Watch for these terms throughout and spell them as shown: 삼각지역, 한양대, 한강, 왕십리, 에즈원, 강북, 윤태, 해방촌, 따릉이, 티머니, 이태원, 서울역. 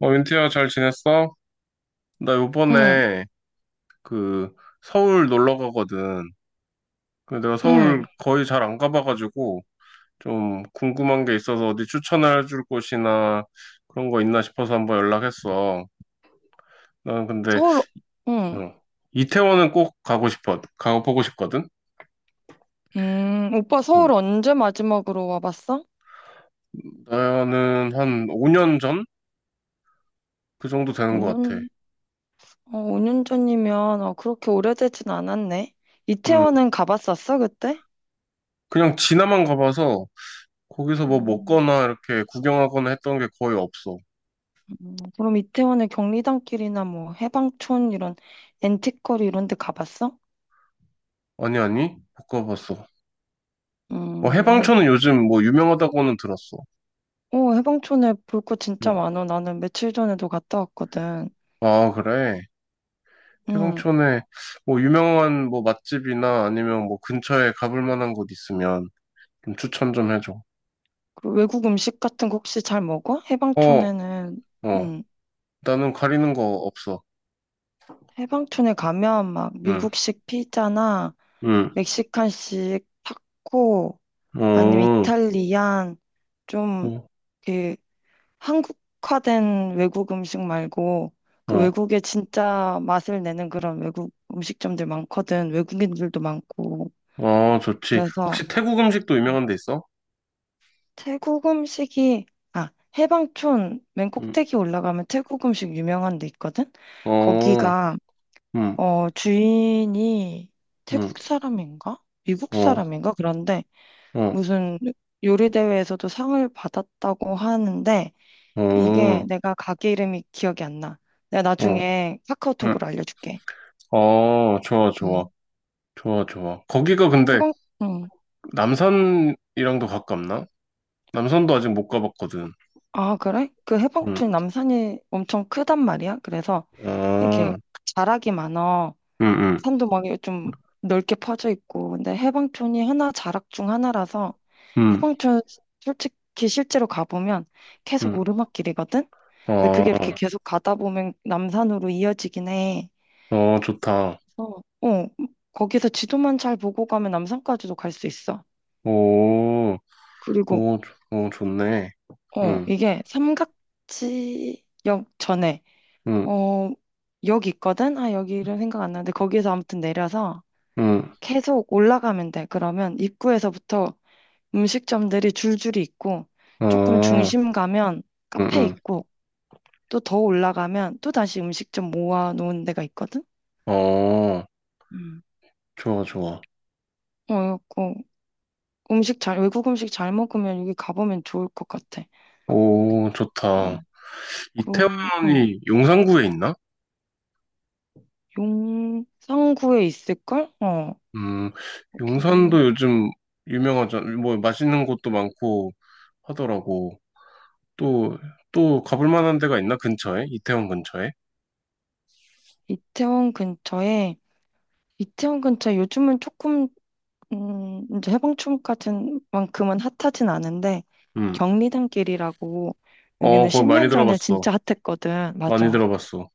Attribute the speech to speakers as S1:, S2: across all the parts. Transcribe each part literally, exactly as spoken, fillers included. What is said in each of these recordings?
S1: 어, 윤태야, 잘 지냈어? 나
S2: 응,
S1: 요번에 그 서울 놀러 가거든. 근데 내가 서울
S2: 응.
S1: 거의 잘 안 가봐가지고 좀 궁금한 게 있어서 어디 추천해 줄 곳이나 그런 거 있나 싶어서 한번 연락했어. 난 근데
S2: 서울, 응.
S1: 어, 이태원은 꼭 가고 싶어. 가보고 싶거든.
S2: 음, 오빠
S1: 응.
S2: 서울 언제 마지막으로 와봤어?
S1: 나는 한 오 년 전? 그 정도 되는 것 같아.
S2: 오 년, 어, 오 년 전이면, 어, 그렇게 오래되진 않았네.
S1: 응.
S2: 이태원은 가봤었어, 그때?
S1: 그냥 지나만 가봐서 거기서 뭐
S2: 음,
S1: 먹거나 이렇게 구경하거나 했던 게 거의 없어.
S2: 음, 그럼 이태원의 경리단길이나 뭐, 해방촌 이런, 앤틱거리 이런 데 가봤어?
S1: 아니, 아니? 못 가봤어. 어,
S2: 음,
S1: 해방촌은 요즘 뭐 유명하다고는 들었어.
S2: 어, 해방촌에 볼 거 진짜
S1: 응.
S2: 많아. 나는 며칠 전에도 갔다 왔거든.
S1: 아, 그래.
S2: 음,
S1: 해방촌에 뭐 유명한 뭐 맛집이나 아니면 뭐 근처에 가볼 만한 곳 있으면 좀 추천 좀 해줘.
S2: 그 외국 음식 같은 거 혹시 잘 먹어?
S1: 어,
S2: 해방촌에는,
S1: 어.
S2: 응.
S1: 나는 가리는 거 없어.
S2: 해방촌에 가면 막
S1: 응,
S2: 미국식 피자나
S1: 응.
S2: 멕시칸식 타코 아니면
S1: 어,
S2: 이탈리안 좀
S1: 어,
S2: 그 한국화된 외국 음식 말고 그
S1: 어.
S2: 외국의 진짜 맛을 내는 그런 외국 음식점들 많거든. 외국인들도 많고.
S1: 어, 좋지. 혹시
S2: 그래서
S1: 태국 음식도 유명한 데 있어?
S2: 태국 음식이 아, 해방촌 맨
S1: 응,
S2: 꼭대기 올라가면 태국 음식 유명한 데 있거든.
S1: 어,
S2: 거기가
S1: 응,
S2: 어, 주인이
S1: 응,
S2: 태국 사람인가? 미국
S1: 어,
S2: 사람인가? 그런데
S1: 어,
S2: 무슨 요리 대회에서도 상을 받았다고 하는데 이게
S1: 어,
S2: 내가 가게 이름이 기억이 안 나. 내가
S1: 어,
S2: 나중에
S1: 응.
S2: 카카오톡으로 알려줄게.
S1: 어, 좋아, 좋아.
S2: 음.
S1: 좋아, 좋아. 거기가 근데
S2: 해방, 응.
S1: 남산이랑도 가깝나? 남산도 아직 못 가봤거든.
S2: 아, 그래? 그
S1: 응,
S2: 해방촌 남산이 엄청 크단 말이야. 그래서 이렇게
S1: 아,
S2: 자락이 많아.
S1: 응, 응,
S2: 산도 막 좀 넓게 퍼져 있고 근데 해방촌이 하나 자락 중 하나라서
S1: 응,
S2: 해방촌 솔직히 실제로 가보면 계속
S1: 응.
S2: 오르막길이거든. 근데 그게 이렇게
S1: 어,
S2: 계속 가다 보면 남산으로 이어지긴 해.
S1: 어, 좋다.
S2: 그래서 어 거기서 지도만 잘 보고 가면 남산까지도 갈 수 있어.
S1: 오,
S2: 그리고
S1: 오, 좋- 오, 좋네.
S2: 어
S1: 응,
S2: 이게 삼각지역 전에
S1: 응,
S2: 어 역 있거든. 아 여기 이름 생각 안 나는데 거기에서 아무튼 내려서
S1: 응,
S2: 계속 올라가면 돼. 그러면 입구에서부터 음식점들이 줄줄이 있고 조금
S1: 아,
S2: 중심 가면
S1: 응,
S2: 카페
S1: 응.
S2: 있고 또 더 올라가면 또 다시 음식점 모아놓은 데가 있거든.
S1: 어,
S2: 음.
S1: 좋아, 좋아.
S2: 어, 그 음식 잘 외국 음식 잘 먹으면 여기 가보면 좋을 것 같아.
S1: 오, 좋다.
S2: 어, 그 응.
S1: 이태원이 용산구에 있나?
S2: 용산구에 있을걸? 어,
S1: 음, 용산도
S2: 여기
S1: 요즘 유명하잖아. 뭐, 맛있는 곳도 많고 하더라고. 또, 또 가볼 만한 데가 있나? 근처에? 이태원 근처에?
S2: 이태원 근처에 이태원 근처에 요즘은 조금 음, 이제 해방촌 같은 만큼은 핫하진 않은데
S1: 음.
S2: 경리단길이라고
S1: 어,
S2: 여기는
S1: 거기 많이
S2: 십 년 전에
S1: 들어봤어.
S2: 진짜 핫했거든.
S1: 많이
S2: 맞아.
S1: 들어봤어.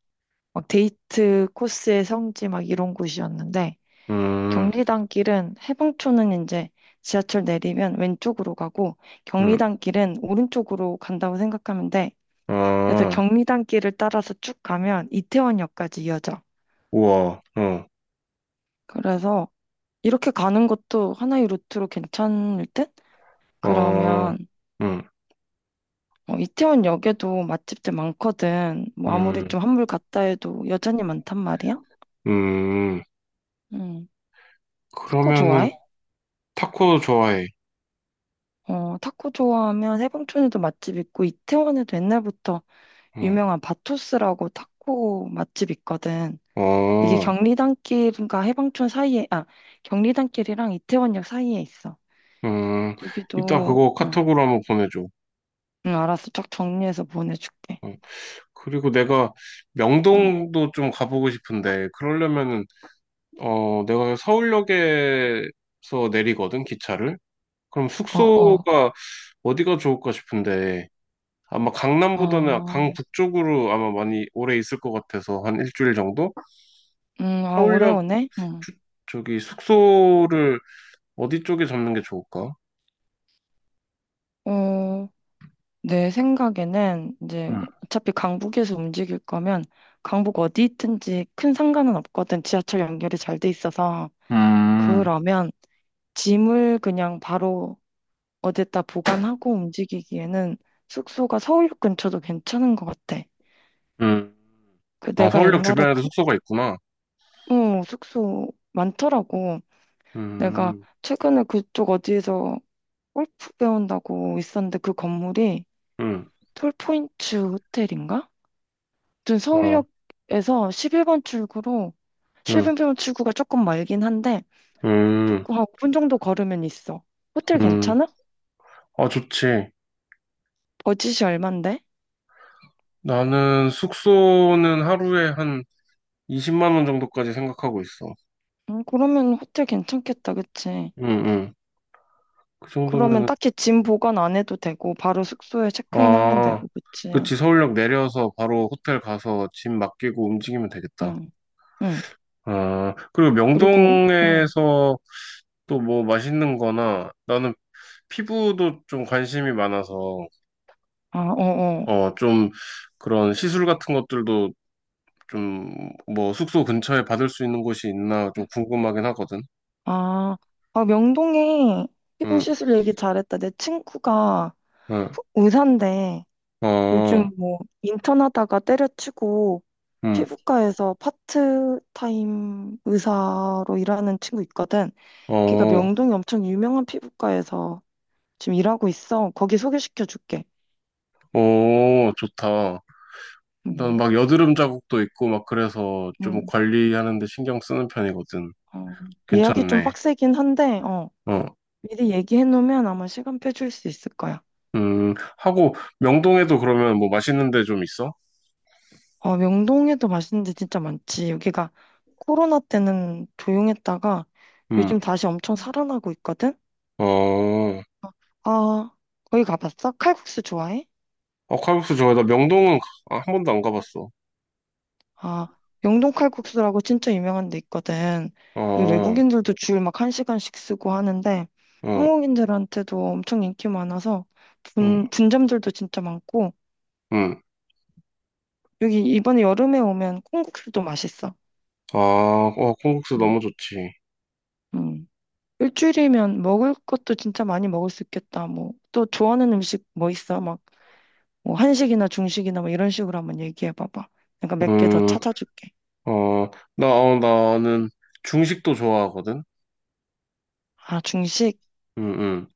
S2: 막 데이트 코스의 성지 막 이런 곳이었는데
S1: 음,
S2: 경리단길은 해방촌은 이제 지하철 내리면 왼쪽으로 가고
S1: 음,
S2: 경리단길은 오른쪽으로 간다고 생각하면 돼. 그래서
S1: 아,
S2: 경리단길을 따라서 쭉 가면 이태원역까지 이어져.
S1: 우와, 어,
S2: 그래서 이렇게 가는 것도 하나의 루트로 괜찮을 듯?
S1: 어,
S2: 그러면
S1: 음,
S2: 어, 이태원 역에도 맛집들 많거든. 뭐 아무리
S1: 음,
S2: 좀 한물 갔다 해도 여전히 많단 말이야.
S1: 음.
S2: 음. 타코
S1: 그러면은,
S2: 좋아해?
S1: 타코 좋아해.
S2: 어, 타코 좋아하면 세봉촌에도 맛집 있고 이태원에도 옛날부터
S1: 음,
S2: 유명한 바토스라고 타코 맛집 있거든. 이게
S1: 어,
S2: 경리단길과 해방촌 사이에, 아, 경리단길이랑 이태원역 사이에 있어.
S1: 음. 이따
S2: 여기도,
S1: 그거
S2: 응,
S1: 카톡으로 한번 보내줘.
S2: 응, 알았어. 쫙 정리해서 보내줄게.
S1: 어, 그리고 내가
S2: 응.
S1: 명동도 좀 가보고 싶은데, 그러려면은, 어, 내가 서울역에서 내리거든, 기차를. 그럼
S2: 어, 어.
S1: 숙소가 어디가 좋을까 싶은데 아마 강남보다는
S2: 아,
S1: 강북쪽으로 아마 많이 오래 있을 것 같아서 한 일주일 정도?
S2: 음, 아, 오래
S1: 서울역
S2: 오네? 응.
S1: 주- 저기 숙소를 어디 쪽에 잡는 게 좋을까?
S2: 어, 내 생각에는 이제
S1: 음,
S2: 어차피 강북에서 움직일 거면 강북 어디 있든지 큰 상관은 없거든. 지하철 연결이 잘 돼 있어서.
S1: 음,
S2: 그러면 짐을 그냥 바로 어디다 보관하고 움직이기에는 숙소가 서울역 근처도 괜찮은 것 같아.
S1: 음.
S2: 그
S1: 아,
S2: 내가
S1: 서울역
S2: 옛날에
S1: 주변에도
S2: 그,
S1: 숙소가 있구나.
S2: 어, 숙소 많더라고. 내가
S1: 음,
S2: 최근에 그쪽 어디에서 골프 배운다고 있었는데 그 건물이
S1: 음,
S2: 톨포인트 호텔인가? 아무튼
S1: 아,
S2: 서울역에서 십일 번 출구로
S1: 음,
S2: 십일 번 출구가 조금 멀긴 한데
S1: 음,
S2: 조금 한 오 분 정도 걸으면 있어. 호텔
S1: 음.
S2: 괜찮아?
S1: 아, 좋지.
S2: 버짓이 얼만데?
S1: 나는 숙소는 하루에 한 이십만 원 정도까지 생각하고 있어.
S2: 음, 그러면 호텔 괜찮겠다, 그치?
S1: 음, 음. 그
S2: 그러면
S1: 정도면
S2: 딱히 짐 보관 안 해도 되고 바로 숙소에 체크인 하면
S1: 아,
S2: 되고, 그치?
S1: 그치. 서울역 내려서 바로 호텔 가서 짐 맡기고 움직이면 되겠다.
S2: 응, 응.
S1: 아, 그리고
S2: 그리고 응.
S1: 명동에서 또 뭐 맛있는 거나 나는 피부도 좀 관심이 많아서
S2: 아, 어, 어.
S1: 어, 좀 그런 시술 같은 것들도 좀 뭐 숙소 근처에 받을 수 있는 곳이 있나 좀 궁금하긴 하거든.
S2: 아, 아 명동에 피부
S1: 응,
S2: 시술 얘기 잘했다. 내 친구가
S1: 응,
S2: 의사인데 요즘
S1: 어,
S2: 뭐 인턴 하다가 때려치고
S1: 응,
S2: 피부과에서 파트타임 의사로 일하는 친구 있거든. 걔가
S1: 어,
S2: 명동이 엄청 유명한 피부과에서 지금 일하고 있어. 거기 소개시켜 줄게.
S1: 오, 좋다. 난
S2: 음,
S1: 막 여드름 자국도 있고 막 그래서 좀
S2: 음,
S1: 관리하는 데 신경 쓰는 편이거든.
S2: 어. 예약이 좀
S1: 괜찮네.
S2: 빡세긴 한데, 어,
S1: 어.
S2: 미리 얘기해 놓으면 아마 시간표 줄 수 있을 거야.
S1: 음, 하고 명동에도 그러면 뭐 맛있는 데 좀 있어?
S2: 어, 명동에도 맛있는 데 진짜 많지. 여기가 코로나 때는 조용했다가
S1: 음.
S2: 요즘 다시 엄청 살아나고 있거든.
S1: 어.
S2: 아, 거기 가봤어? 칼국수 좋아해?
S1: 어, 칼국수 좋아해. 나 명동은 가- 아, 한 번도 안 가봤어.
S2: 아, 영동 칼국수라고 진짜 유명한 데 있거든.
S1: 아,
S2: 이게
S1: 어,
S2: 외국인들도 주일 막 한 시간씩 쓰고 하는데
S1: 어,
S2: 한국인들한테도 엄청 인기 많아서
S1: 음.
S2: 분, 분점들도 진짜 많고
S1: 음.
S2: 여기 이번에 여름에 오면 콩국수도 맛있어.
S1: 아, 어, 콩국수
S2: 음,
S1: 너무 좋지.
S2: 음. 일주일이면 먹을 것도 진짜 많이 먹을 수 있겠다. 뭐 또 좋아하는 음식 뭐 있어? 막 뭐 한식이나 중식이나 뭐 이런 식으로 한번 얘기해 봐봐. 내가 몇 개 더
S1: 음,
S2: 찾아줄게.
S1: 어, 나, 어, 나는 중식도 좋아하거든.
S2: 아, 중식?
S1: 음, 음,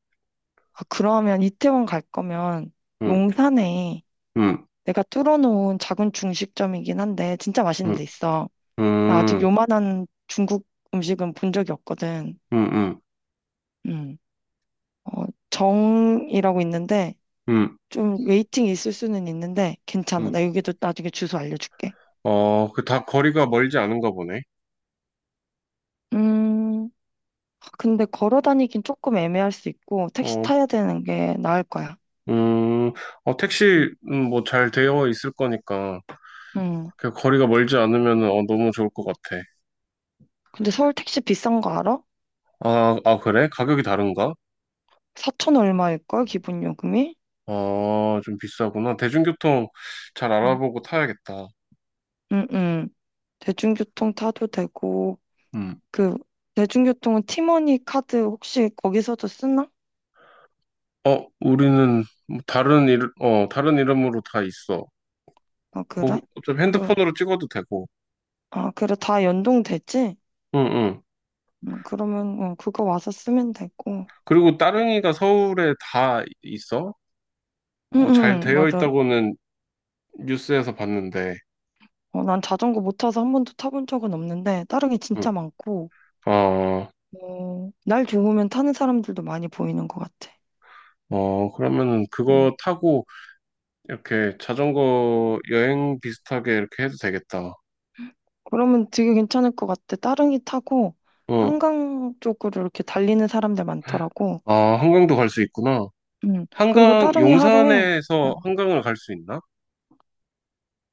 S2: 아, 그러면 이태원 갈 거면
S1: 음,
S2: 용산에
S1: 음,
S2: 내가 뚫어놓은 작은 중식점이긴 한데 진짜 맛있는
S1: 음,
S2: 데 있어. 나 아직
S1: 음,
S2: 요만한 중국 음식은 본 적이 없거든.
S1: 음, 음,
S2: 음. 어, 정이라고 있는데
S1: 음.
S2: 좀 웨이팅이 있을 수는 있는데 괜찮아.
S1: 음.
S2: 나 여기도 나중에 주소 알려줄게.
S1: 어, 그 다 거리가 멀지 않은가 보네.
S2: 음. 근데 걸어 다니긴 조금 애매할 수 있고 택시
S1: 어,
S2: 타야 되는 게 나을 거야.
S1: 음, 어, 택시,
S2: 음.
S1: 음, 뭐잘 되어 있을 거니까,
S2: 음.
S1: 그 거리가 멀지 않으면, 어, 너무 좋을 것 같아.
S2: 근데 서울 택시 비싼 거 알아?
S1: 아, 아, 그래? 가격이 다른가?
S2: 사천 얼마일걸 기본 요금이?
S1: 아, 좀 비싸구나. 대중교통 잘
S2: 응응응.
S1: 알아보고 타야겠다.
S2: 대중교통 타도 되고
S1: 음.
S2: 그 대중교통은 티머니 카드 혹시 거기서도 쓰나?
S1: 어, 우리는 뭐 다른 일, 어, 다른 이름으로 다 있어.
S2: 아
S1: 어,
S2: 그래?
S1: 좀
S2: 그,
S1: 핸드폰으로 찍어도 되고.
S2: 아 그래 다 연동되지?
S1: 응, 응.
S2: 음, 그러면 어, 그거 와서 쓰면 되고.
S1: 그리고 따릉이가 서울에 다 있어? 뭐 잘
S2: 응응
S1: 되어
S2: 맞아.
S1: 있다고는 뉴스에서 봤는데.
S2: 어, 난 자전거 못 타서 한 번도 타본 적은 없는데 다른 게
S1: 응.
S2: 진짜 많고
S1: 아,
S2: 어, 날 좋으면 타는 사람들도 많이 보이는 것 같아.
S1: 어, 그러면은
S2: 음.
S1: 그거 타고 이렇게 자전거 여행 비슷하게 이렇게 해도 되겠다.
S2: 그러면 되게 괜찮을 것 같아. 따릉이 타고
S1: 어,
S2: 한강 쪽으로 이렇게 달리는 사람들 많더라고.
S1: 아, 한강도 갈 수 있구나.
S2: 음. 그리고
S1: 한강,
S2: 따릉이 하루에 어,
S1: 용산에서 한강을 갈 수 있나?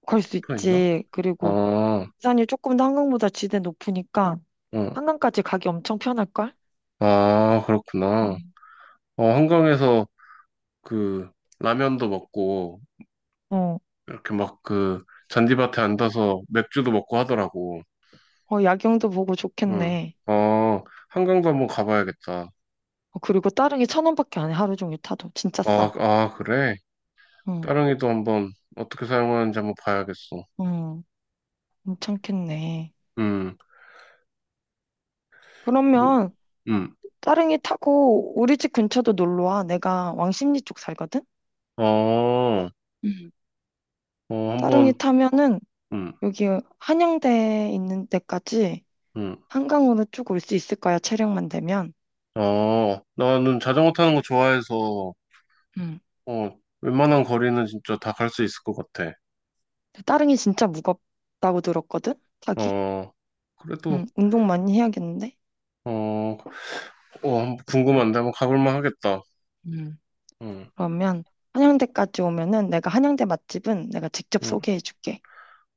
S2: 걸 수
S1: 붙어 있나?
S2: 있지.
S1: 아,
S2: 그리고
S1: 어,
S2: 부산이 조금 더 한강보다 지대 높으니까 한강까지 가기 엄청 편할걸?
S1: 아, 그렇구나.
S2: 음.
S1: 어, 한강에서 그 라면도 먹고
S2: 어,
S1: 이렇게 막 그 잔디밭에 앉아서 맥주도 먹고 하더라고.
S2: 어, 야경도 보고
S1: 응.
S2: 좋겠네.
S1: 어, 한강도 한번 가봐야겠다.
S2: 어, 그리고 다른 게 천 원밖에 안 해, 하루 종일 타도. 진짜
S1: 아,
S2: 싸.
S1: 아, 그래?
S2: 응,
S1: 따릉이도 한번 어떻게 사용하는지 한번 봐야겠어.
S2: 응, 괜찮겠네.
S1: 음,
S2: 그러면
S1: 음,
S2: 따릉이 타고 우리 집 근처도 놀러 와. 내가 왕십리 쪽 살거든?
S1: 어,
S2: 음.
S1: 어,
S2: 따릉이
S1: 한번,
S2: 타면은
S1: 음,
S2: 여기 한양대 있는 데까지
S1: 음,
S2: 한강으로 쭉 올 수 있을 거야, 체력만 되면.
S1: 어, 나는 자전거 타는 거 좋아해서,
S2: 응.
S1: 어, 웬만한 거리는 진짜 다 갈 수 있을 것 같아.
S2: 따릉이 진짜 무겁다고 들었거든? 타기?
S1: 어,
S2: 음,
S1: 그래도,
S2: 운동 많이 해야겠는데?
S1: 어, 어, 한번 궁금한데 한번 가볼만 하겠다.
S2: 음,
S1: 음,
S2: 그러면 한양대까지 오면은 내가 한양대 맛집은 내가 직접
S1: 음,
S2: 소개해 줄게.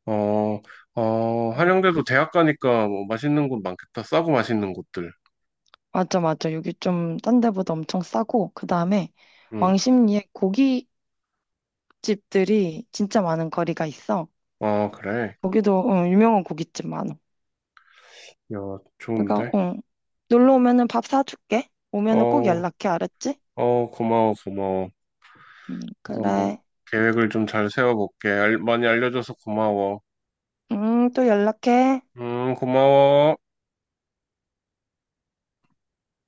S1: 어, 어,
S2: 음.
S1: 한양대도 대학 가니까 뭐 맛있는 곳 많겠다. 싸고 맛있는 곳들.
S2: 맞아, 맞아. 여기 좀 딴 데보다 엄청 싸고, 그 다음에
S1: 음,
S2: 왕십리에 고깃집들이 진짜 많은 거리가 있어.
S1: 아, 그래.
S2: 거기도 어, 유명한 고깃집 많아.
S1: 야,
S2: 내가
S1: 좋은데?
S2: 어, 놀러 오면은 밥 사줄게. 오면은 꼭
S1: 어,
S2: 연락해, 알았지?
S1: 어, 고마워, 고마워.
S2: 음,
S1: 그래서 뭐
S2: 그래.
S1: 계획을 좀 잘 세워볼게. 알- 많이 알려줘서 고마워.
S2: 음, 또 연락해.
S1: 음, 고마워.